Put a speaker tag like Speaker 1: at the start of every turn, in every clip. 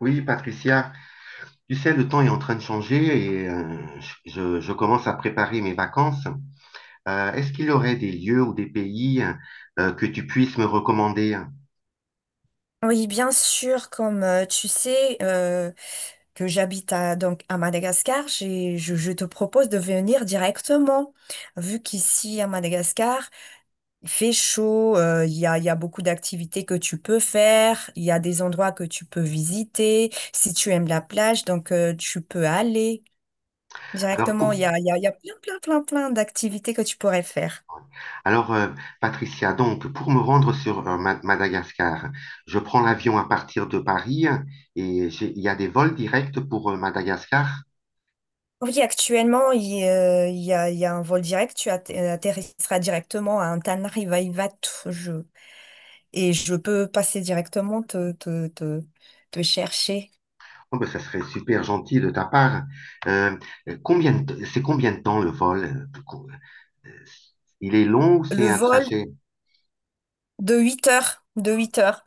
Speaker 1: Oui, Patricia, tu sais, le temps est en train de changer et je commence à préparer mes vacances. Est-ce qu'il y aurait des lieux ou des pays que tu puisses me recommander?
Speaker 2: Oui, bien sûr, comme tu sais que j'habite à, donc à Madagascar, je te propose de venir directement, vu qu'ici à Madagascar, il fait chaud, il y a beaucoup d'activités que tu peux faire, il y a des endroits que tu peux visiter, si tu aimes la plage, donc tu peux aller
Speaker 1: Alors, pour,
Speaker 2: directement, il y a, il y a, il y a plein, plein, plein, plein d'activités que tu pourrais faire.
Speaker 1: alors Patricia, donc, pour me rendre sur Madagascar, je prends l'avion à partir de Paris et il y a des vols directs pour Madagascar.
Speaker 2: Oui, actuellement, il y a un vol direct. Tu atterrisseras directement à Antananarivoto. Et je peux passer directement te chercher.
Speaker 1: Oh, ben, ça serait super gentil de ta part. Euh, combien c'est combien de temps le vol? euh, euh, euh, Il est long ou c'est
Speaker 2: Le
Speaker 1: un
Speaker 2: vol
Speaker 1: trajet?
Speaker 2: de 8 heures. De 8 heures.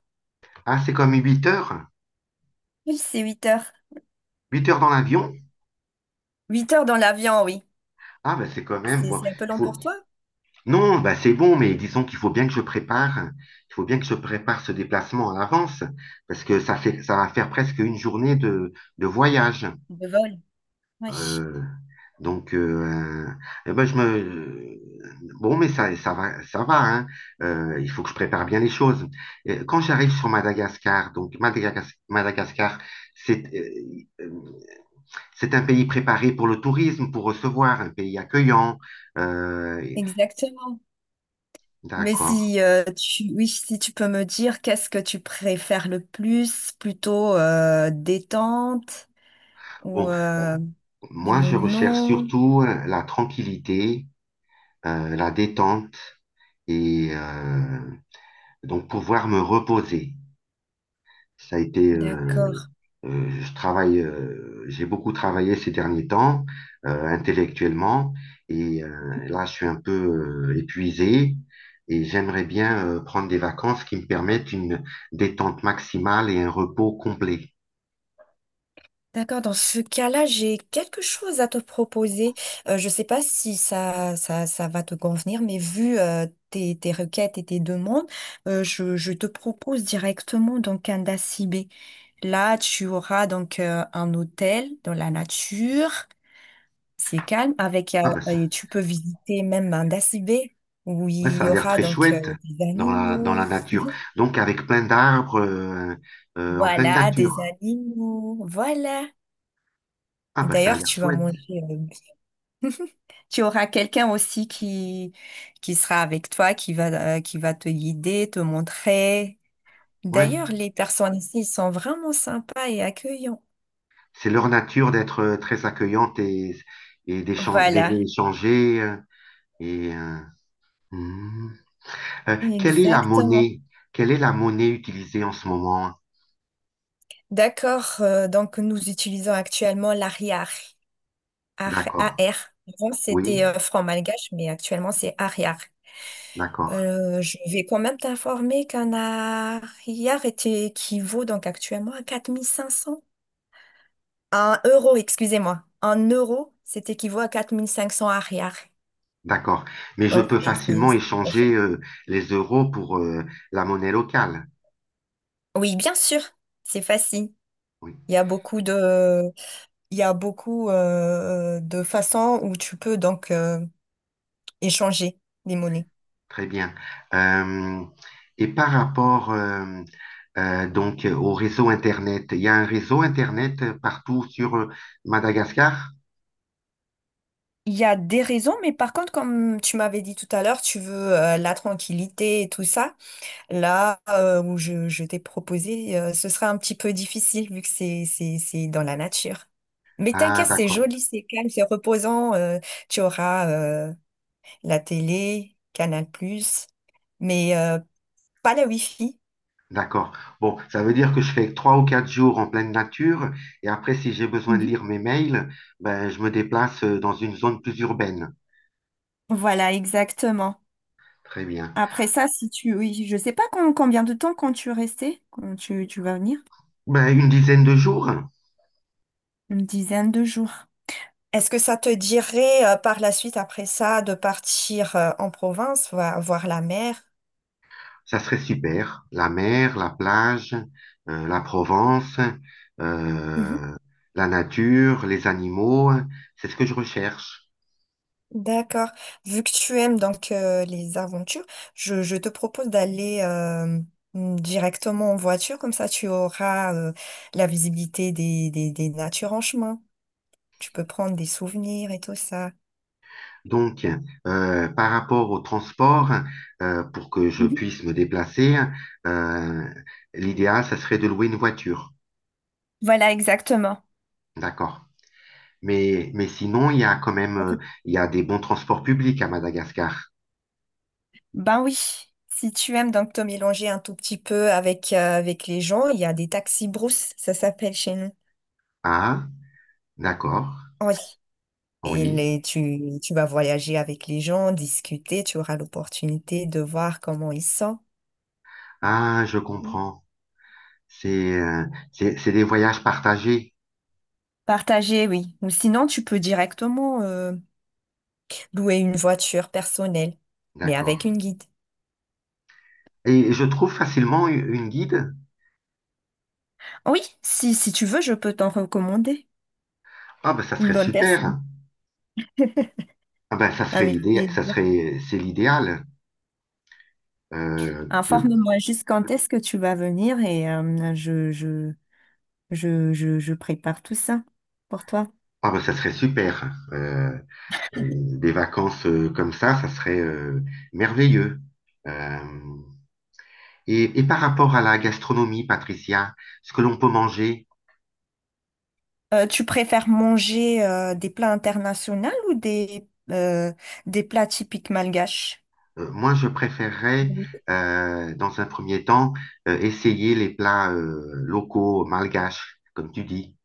Speaker 1: Ah, c'est comme 8 heures?
Speaker 2: Oui, c'est 8 heures.
Speaker 1: 8 heures dans l'avion?
Speaker 2: 8 heures dans l'avion, oui.
Speaker 1: Ah, ben c'est quand même...
Speaker 2: C'est,
Speaker 1: Bon,
Speaker 2: c'est un peu
Speaker 1: il
Speaker 2: long
Speaker 1: faut...
Speaker 2: pour toi,
Speaker 1: Non, ben, c'est bon, mais disons qu'il faut bien que je prépare. Il faut bien que je prépare ce déplacement à l'avance parce que ça va faire presque une journée de voyage.
Speaker 2: le vol. Oui,
Speaker 1: Euh, donc, euh, euh, eh ben, bon, mais ça, ça va, hein. Il faut que je prépare bien les choses. Et quand j'arrive sur Madagascar, donc Madagascar, c'est euh, euh, c'est un pays préparé pour le tourisme, pour recevoir, un pays accueillant. Euh,
Speaker 2: exactement. Mais
Speaker 1: d'accord.
Speaker 2: si, oui, si tu peux me dire qu'est-ce que tu préfères le plus, plutôt détente ou
Speaker 1: Bon,
Speaker 2: les
Speaker 1: moi, je recherche
Speaker 2: monuments.
Speaker 1: surtout la tranquillité, la détente et donc pouvoir me reposer. Ça a été, euh,
Speaker 2: D'accord.
Speaker 1: Je travaille, j'ai beaucoup travaillé ces derniers temps, intellectuellement, et là, je suis un peu épuisé et j'aimerais bien prendre des vacances qui me permettent une détente maximale et un repos complet.
Speaker 2: D'accord. Dans ce cas-là, j'ai quelque chose à te proposer. Je ne sais pas si ça va te convenir, mais vu tes requêtes et tes demandes, je te propose directement donc un dacibé. Là, tu auras donc un hôtel dans la nature, c'est calme, avec
Speaker 1: Ah ben ça,
Speaker 2: et tu peux visiter même un dacibé où
Speaker 1: ouais,
Speaker 2: il
Speaker 1: ça
Speaker 2: y
Speaker 1: a l'air
Speaker 2: aura
Speaker 1: très
Speaker 2: donc
Speaker 1: chouette
Speaker 2: des
Speaker 1: dans la
Speaker 2: animaux.
Speaker 1: nature. Donc avec plein d'arbres en pleine
Speaker 2: Voilà, des
Speaker 1: nature.
Speaker 2: animaux. Voilà.
Speaker 1: Ah
Speaker 2: Et
Speaker 1: ben ça a
Speaker 2: d'ailleurs,
Speaker 1: l'air
Speaker 2: tu vas
Speaker 1: chouette.
Speaker 2: manger. Tu auras quelqu'un aussi qui sera avec toi, qui va te guider, te montrer.
Speaker 1: Ouais.
Speaker 2: D'ailleurs, les personnes ici ils sont vraiment sympas et accueillants.
Speaker 1: C'est leur nature d'être très accueillante et, et
Speaker 2: Voilà,
Speaker 1: d'aimer échanger et euh, Hmm. Quelle est la
Speaker 2: exactement.
Speaker 1: monnaie? Quelle est la monnaie utilisée en ce moment?
Speaker 2: D'accord, donc nous utilisons actuellement l'ARIAR. AR,
Speaker 1: D'accord.
Speaker 2: AR. Avant,
Speaker 1: Oui,
Speaker 2: c'était franc malgache, mais actuellement, c'est ARIAR.
Speaker 1: d'accord,
Speaker 2: Je vais quand même t'informer qu'un ARIAR équivaut donc actuellement à 4500. Un euro, excusez-moi. Un euro, c'est équivaut à 4 500 arrière.
Speaker 1: d'accord. Mais je
Speaker 2: Donc,
Speaker 1: peux
Speaker 2: c'est c'est-
Speaker 1: facilement
Speaker 2: c'est pas cher.
Speaker 1: échanger les euros pour la monnaie locale.
Speaker 2: Oui, bien sûr, c'est facile.
Speaker 1: Oui,
Speaker 2: Il y a beaucoup de, il y a beaucoup de façons où tu peux donc échanger les monnaies.
Speaker 1: très bien. Euh, et par rapport donc au réseau Internet, il y a un réseau Internet partout sur Madagascar?
Speaker 2: Il y a des raisons, mais par contre, comme tu m'avais dit tout à l'heure, tu veux la tranquillité et tout ça. Là où je t'ai proposé, ce sera un petit peu difficile vu que c'est dans la nature. Mais
Speaker 1: Ah,
Speaker 2: t'inquiète, c'est
Speaker 1: d'accord.
Speaker 2: joli, c'est calme, c'est reposant. Tu auras la télé, Canal+, mais pas la Wi-Fi.
Speaker 1: D'accord. Bon, ça veut dire que je fais 3 ou 4 jours en pleine nature et après, si j'ai besoin de
Speaker 2: Mhm.
Speaker 1: lire mes mails, ben, je me déplace dans une zone plus urbaine.
Speaker 2: Voilà, exactement.
Speaker 1: Très bien.
Speaker 2: Après ça, si tu... Oui, je sais pas combien de temps quand tu restais, quand tu vas venir.
Speaker 1: Ben, une dizaine de jours,
Speaker 2: Une dizaine de jours. Est-ce que ça te dirait par la suite, après ça, de partir en province, voir la mer?
Speaker 1: ça serait super. La mer, la plage, la Provence, euh, la nature, les animaux, c'est ce que je recherche.
Speaker 2: D'accord. Vu que tu aimes donc les aventures, je te propose d'aller directement en voiture, comme ça tu auras la visibilité des natures en chemin. Tu peux prendre des souvenirs et tout ça.
Speaker 1: Donc, par rapport au transport, pour que je
Speaker 2: Mhm.
Speaker 1: puisse me déplacer, euh, l'idéal, ça serait de louer une voiture.
Speaker 2: Voilà, exactement.
Speaker 1: D'accord. Mais sinon, il y a quand même,
Speaker 2: À tout-
Speaker 1: il y a des bons transports publics à Madagascar.
Speaker 2: Ben oui. Si tu aimes donc te mélanger un tout petit peu avec les gens, il y a des taxis brousse, ça s'appelle chez nous.
Speaker 1: Ah, d'accord.
Speaker 2: Oui. Et
Speaker 1: Oui.
Speaker 2: les- tu, tu vas voyager avec les gens, discuter, tu auras l'opportunité de voir comment ils sont.
Speaker 1: Ah, je comprends. C'est, euh, c'est des voyages partagés.
Speaker 2: Partager, oui. Ou sinon, tu peux directement louer une voiture personnelle, mais
Speaker 1: D'accord.
Speaker 2: avec une guide.
Speaker 1: Et je trouve facilement une guide.
Speaker 2: Ah oui, si tu veux, je peux t'en recommander
Speaker 1: Ah, ben, ça serait
Speaker 2: une bonne personne.
Speaker 1: super. Ah, ben, ça serait
Speaker 2: Avec
Speaker 1: l'idée, ça
Speaker 2: plaisir.
Speaker 1: serait, c'est l'idéal. Euh, que,
Speaker 2: Informe-moi juste quand est-ce que tu vas venir et je prépare tout ça pour toi.
Speaker 1: ah ben, ça serait super. Euh, des vacances comme ça serait merveilleux. Euh, et par rapport à la gastronomie, Patricia, ce que l'on peut manger,
Speaker 2: Tu préfères manger des plats internationaux ou des plats typiques malgaches?
Speaker 1: moi je préférerais, dans un premier temps, essayer les plats locaux, malgaches, comme tu dis.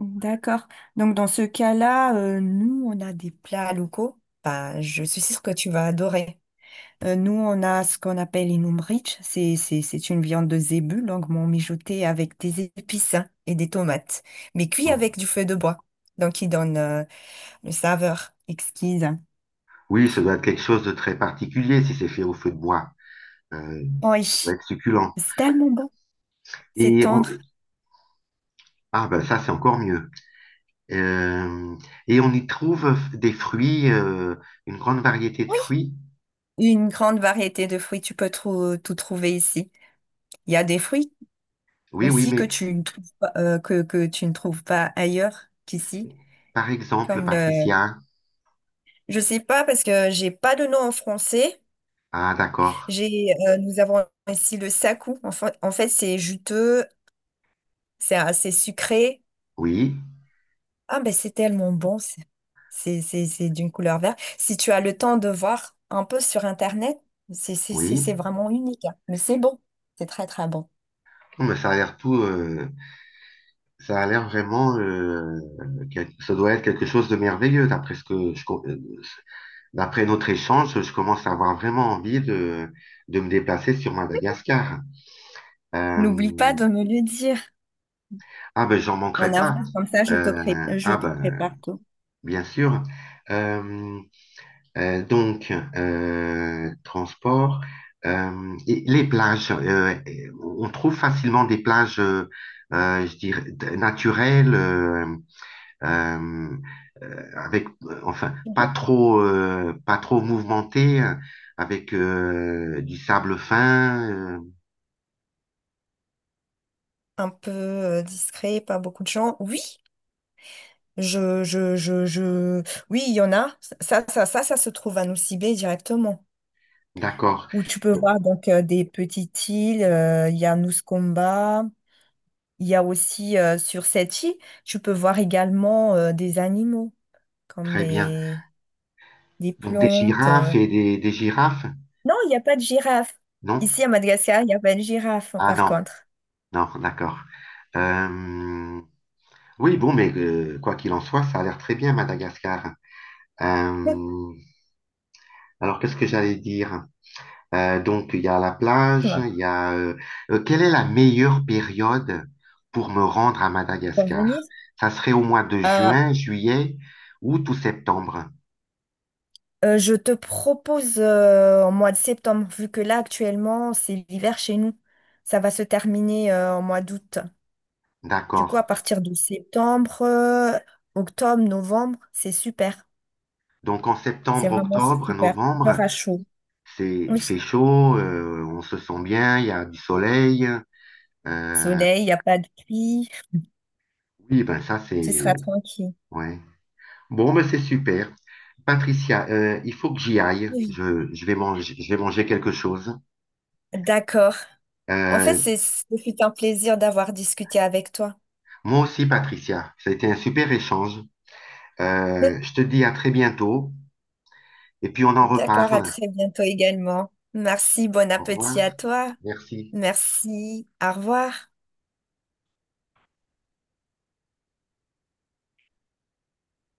Speaker 2: D'accord. Donc dans ce cas-là, nous, on a des plats locaux. Bah, je suis sûre que tu vas adorer. Nous, on a ce qu'on appelle une umbric. C'est une viande de zébu, longuement mijotée avec des épices hein, et des tomates, mais cuit
Speaker 1: Hmm.
Speaker 2: avec du feu de bois. Donc, qui donne une saveur exquise.
Speaker 1: Oui, ça doit être quelque chose de très particulier si c'est fait au feu de bois. Euh,
Speaker 2: Oui,
Speaker 1: ça doit être succulent.
Speaker 2: c'est tellement bon. C'est
Speaker 1: Et
Speaker 2: tendre.
Speaker 1: on- Ah ben ça, c'est encore mieux. Euh, Et on y trouve des fruits, une grande variété de fruits.
Speaker 2: Une grande variété de fruits, tu peux tout trouver ici. Il y a des fruits
Speaker 1: Oui, oui,
Speaker 2: aussi que
Speaker 1: mais
Speaker 2: tu ne trouves pas, que tu ne trouves pas ailleurs qu'ici.
Speaker 1: par exemple,
Speaker 2: Comme le...
Speaker 1: Patricia.
Speaker 2: Je sais pas parce que j'ai pas de nom en français.
Speaker 1: Ah d'accord.
Speaker 2: Nous avons ici le sakou. En fait, c'est juteux, c'est assez sucré.
Speaker 1: Oui,
Speaker 2: Ah ben c'est tellement bon. C'est d'une couleur verte. Si tu as le temps de voir un peu sur Internet, c'est c'est- c'est-
Speaker 1: oui.
Speaker 2: c'est vraiment unique, hein. Mais c'est bon. C'est très très bon.
Speaker 1: Oh, mais ça a l'air tout, ça a l'air vraiment, ça doit être quelque chose de merveilleux. D'après notre échange, je commence à avoir vraiment envie de me déplacer sur Madagascar. Euh,
Speaker 2: N'oublie pas de me le dire
Speaker 1: ah ben, j'en
Speaker 2: en
Speaker 1: manquerai pas.
Speaker 2: avance, comme ça je te pré- je
Speaker 1: Ah
Speaker 2: te
Speaker 1: ben,
Speaker 2: prépare tout.
Speaker 1: bien sûr. Euh, donc, transport. Et les plages, on trouve facilement des plages, je dirais, naturelles. Euh, avec, enfin, pas
Speaker 2: Mhm.
Speaker 1: trop, pas trop mouvementé, avec du sable fin.
Speaker 2: Un peu discret, pas beaucoup de gens. Oui, Je, je, je, je... oui, il y en a. Ça se trouve à Nosy Be directement.
Speaker 1: D'accord,
Speaker 2: Où tu peux voir donc des petites îles. Il y a Koumba. Il y a aussi sur cette île, tu peux voir également des animaux comme
Speaker 1: très bien.
Speaker 2: les
Speaker 1: Donc des
Speaker 2: plantes.
Speaker 1: girafes
Speaker 2: euh.
Speaker 1: et des girafes,
Speaker 2: Non, il n'y a pas de girafe. Ici
Speaker 1: non?
Speaker 2: à Madagascar, il n'y a pas de girafe hein,
Speaker 1: Ah
Speaker 2: par
Speaker 1: non,
Speaker 2: contre.
Speaker 1: non, d'accord. Euh, oui, bon, mais quoi qu'il en soit, ça a l'air très bien, Madagascar. Euh, alors, qu'est-ce que j'allais dire? Donc, il y a la plage,
Speaker 2: Pour
Speaker 1: il y a... quelle est la meilleure période pour me rendre à Madagascar?
Speaker 2: venir.
Speaker 1: Ça serait au mois de
Speaker 2: Euh,
Speaker 1: juin, juillet, août ou septembre.
Speaker 2: Je te propose en mois de septembre, vu que là actuellement c'est l'hiver chez nous. Ça va se terminer en mois d'août. Du coup, à
Speaker 1: D'accord.
Speaker 2: partir de septembre, octobre, novembre, c'est super.
Speaker 1: Donc, en
Speaker 2: C'est
Speaker 1: septembre,
Speaker 2: vraiment
Speaker 1: octobre,
Speaker 2: super.
Speaker 1: novembre,
Speaker 2: Peur à chaud.
Speaker 1: c'est,
Speaker 2: Oui,
Speaker 1: il fait chaud, on se sent bien, il y a du soleil. Euh,
Speaker 2: soleil, il n'y a pas de pluie,
Speaker 1: oui, ben ça,
Speaker 2: tu seras
Speaker 1: c'est...
Speaker 2: tranquille.
Speaker 1: Ouais. Bon, ben c'est super. Patricia, il faut que j'y aille.
Speaker 2: Oui.
Speaker 1: Je vais manger, je vais manger quelque chose.
Speaker 2: D'accord. En fait,
Speaker 1: Euh,
Speaker 2: ce fut un plaisir d'avoir discuté avec toi.
Speaker 1: Moi aussi, Patricia. Ça a été un super échange. Je te dis à très bientôt et puis on en
Speaker 2: D'accord, à
Speaker 1: reparle.
Speaker 2: très bientôt également. Merci, bon
Speaker 1: Au revoir.
Speaker 2: appétit à toi.
Speaker 1: Merci.
Speaker 2: Merci, au revoir.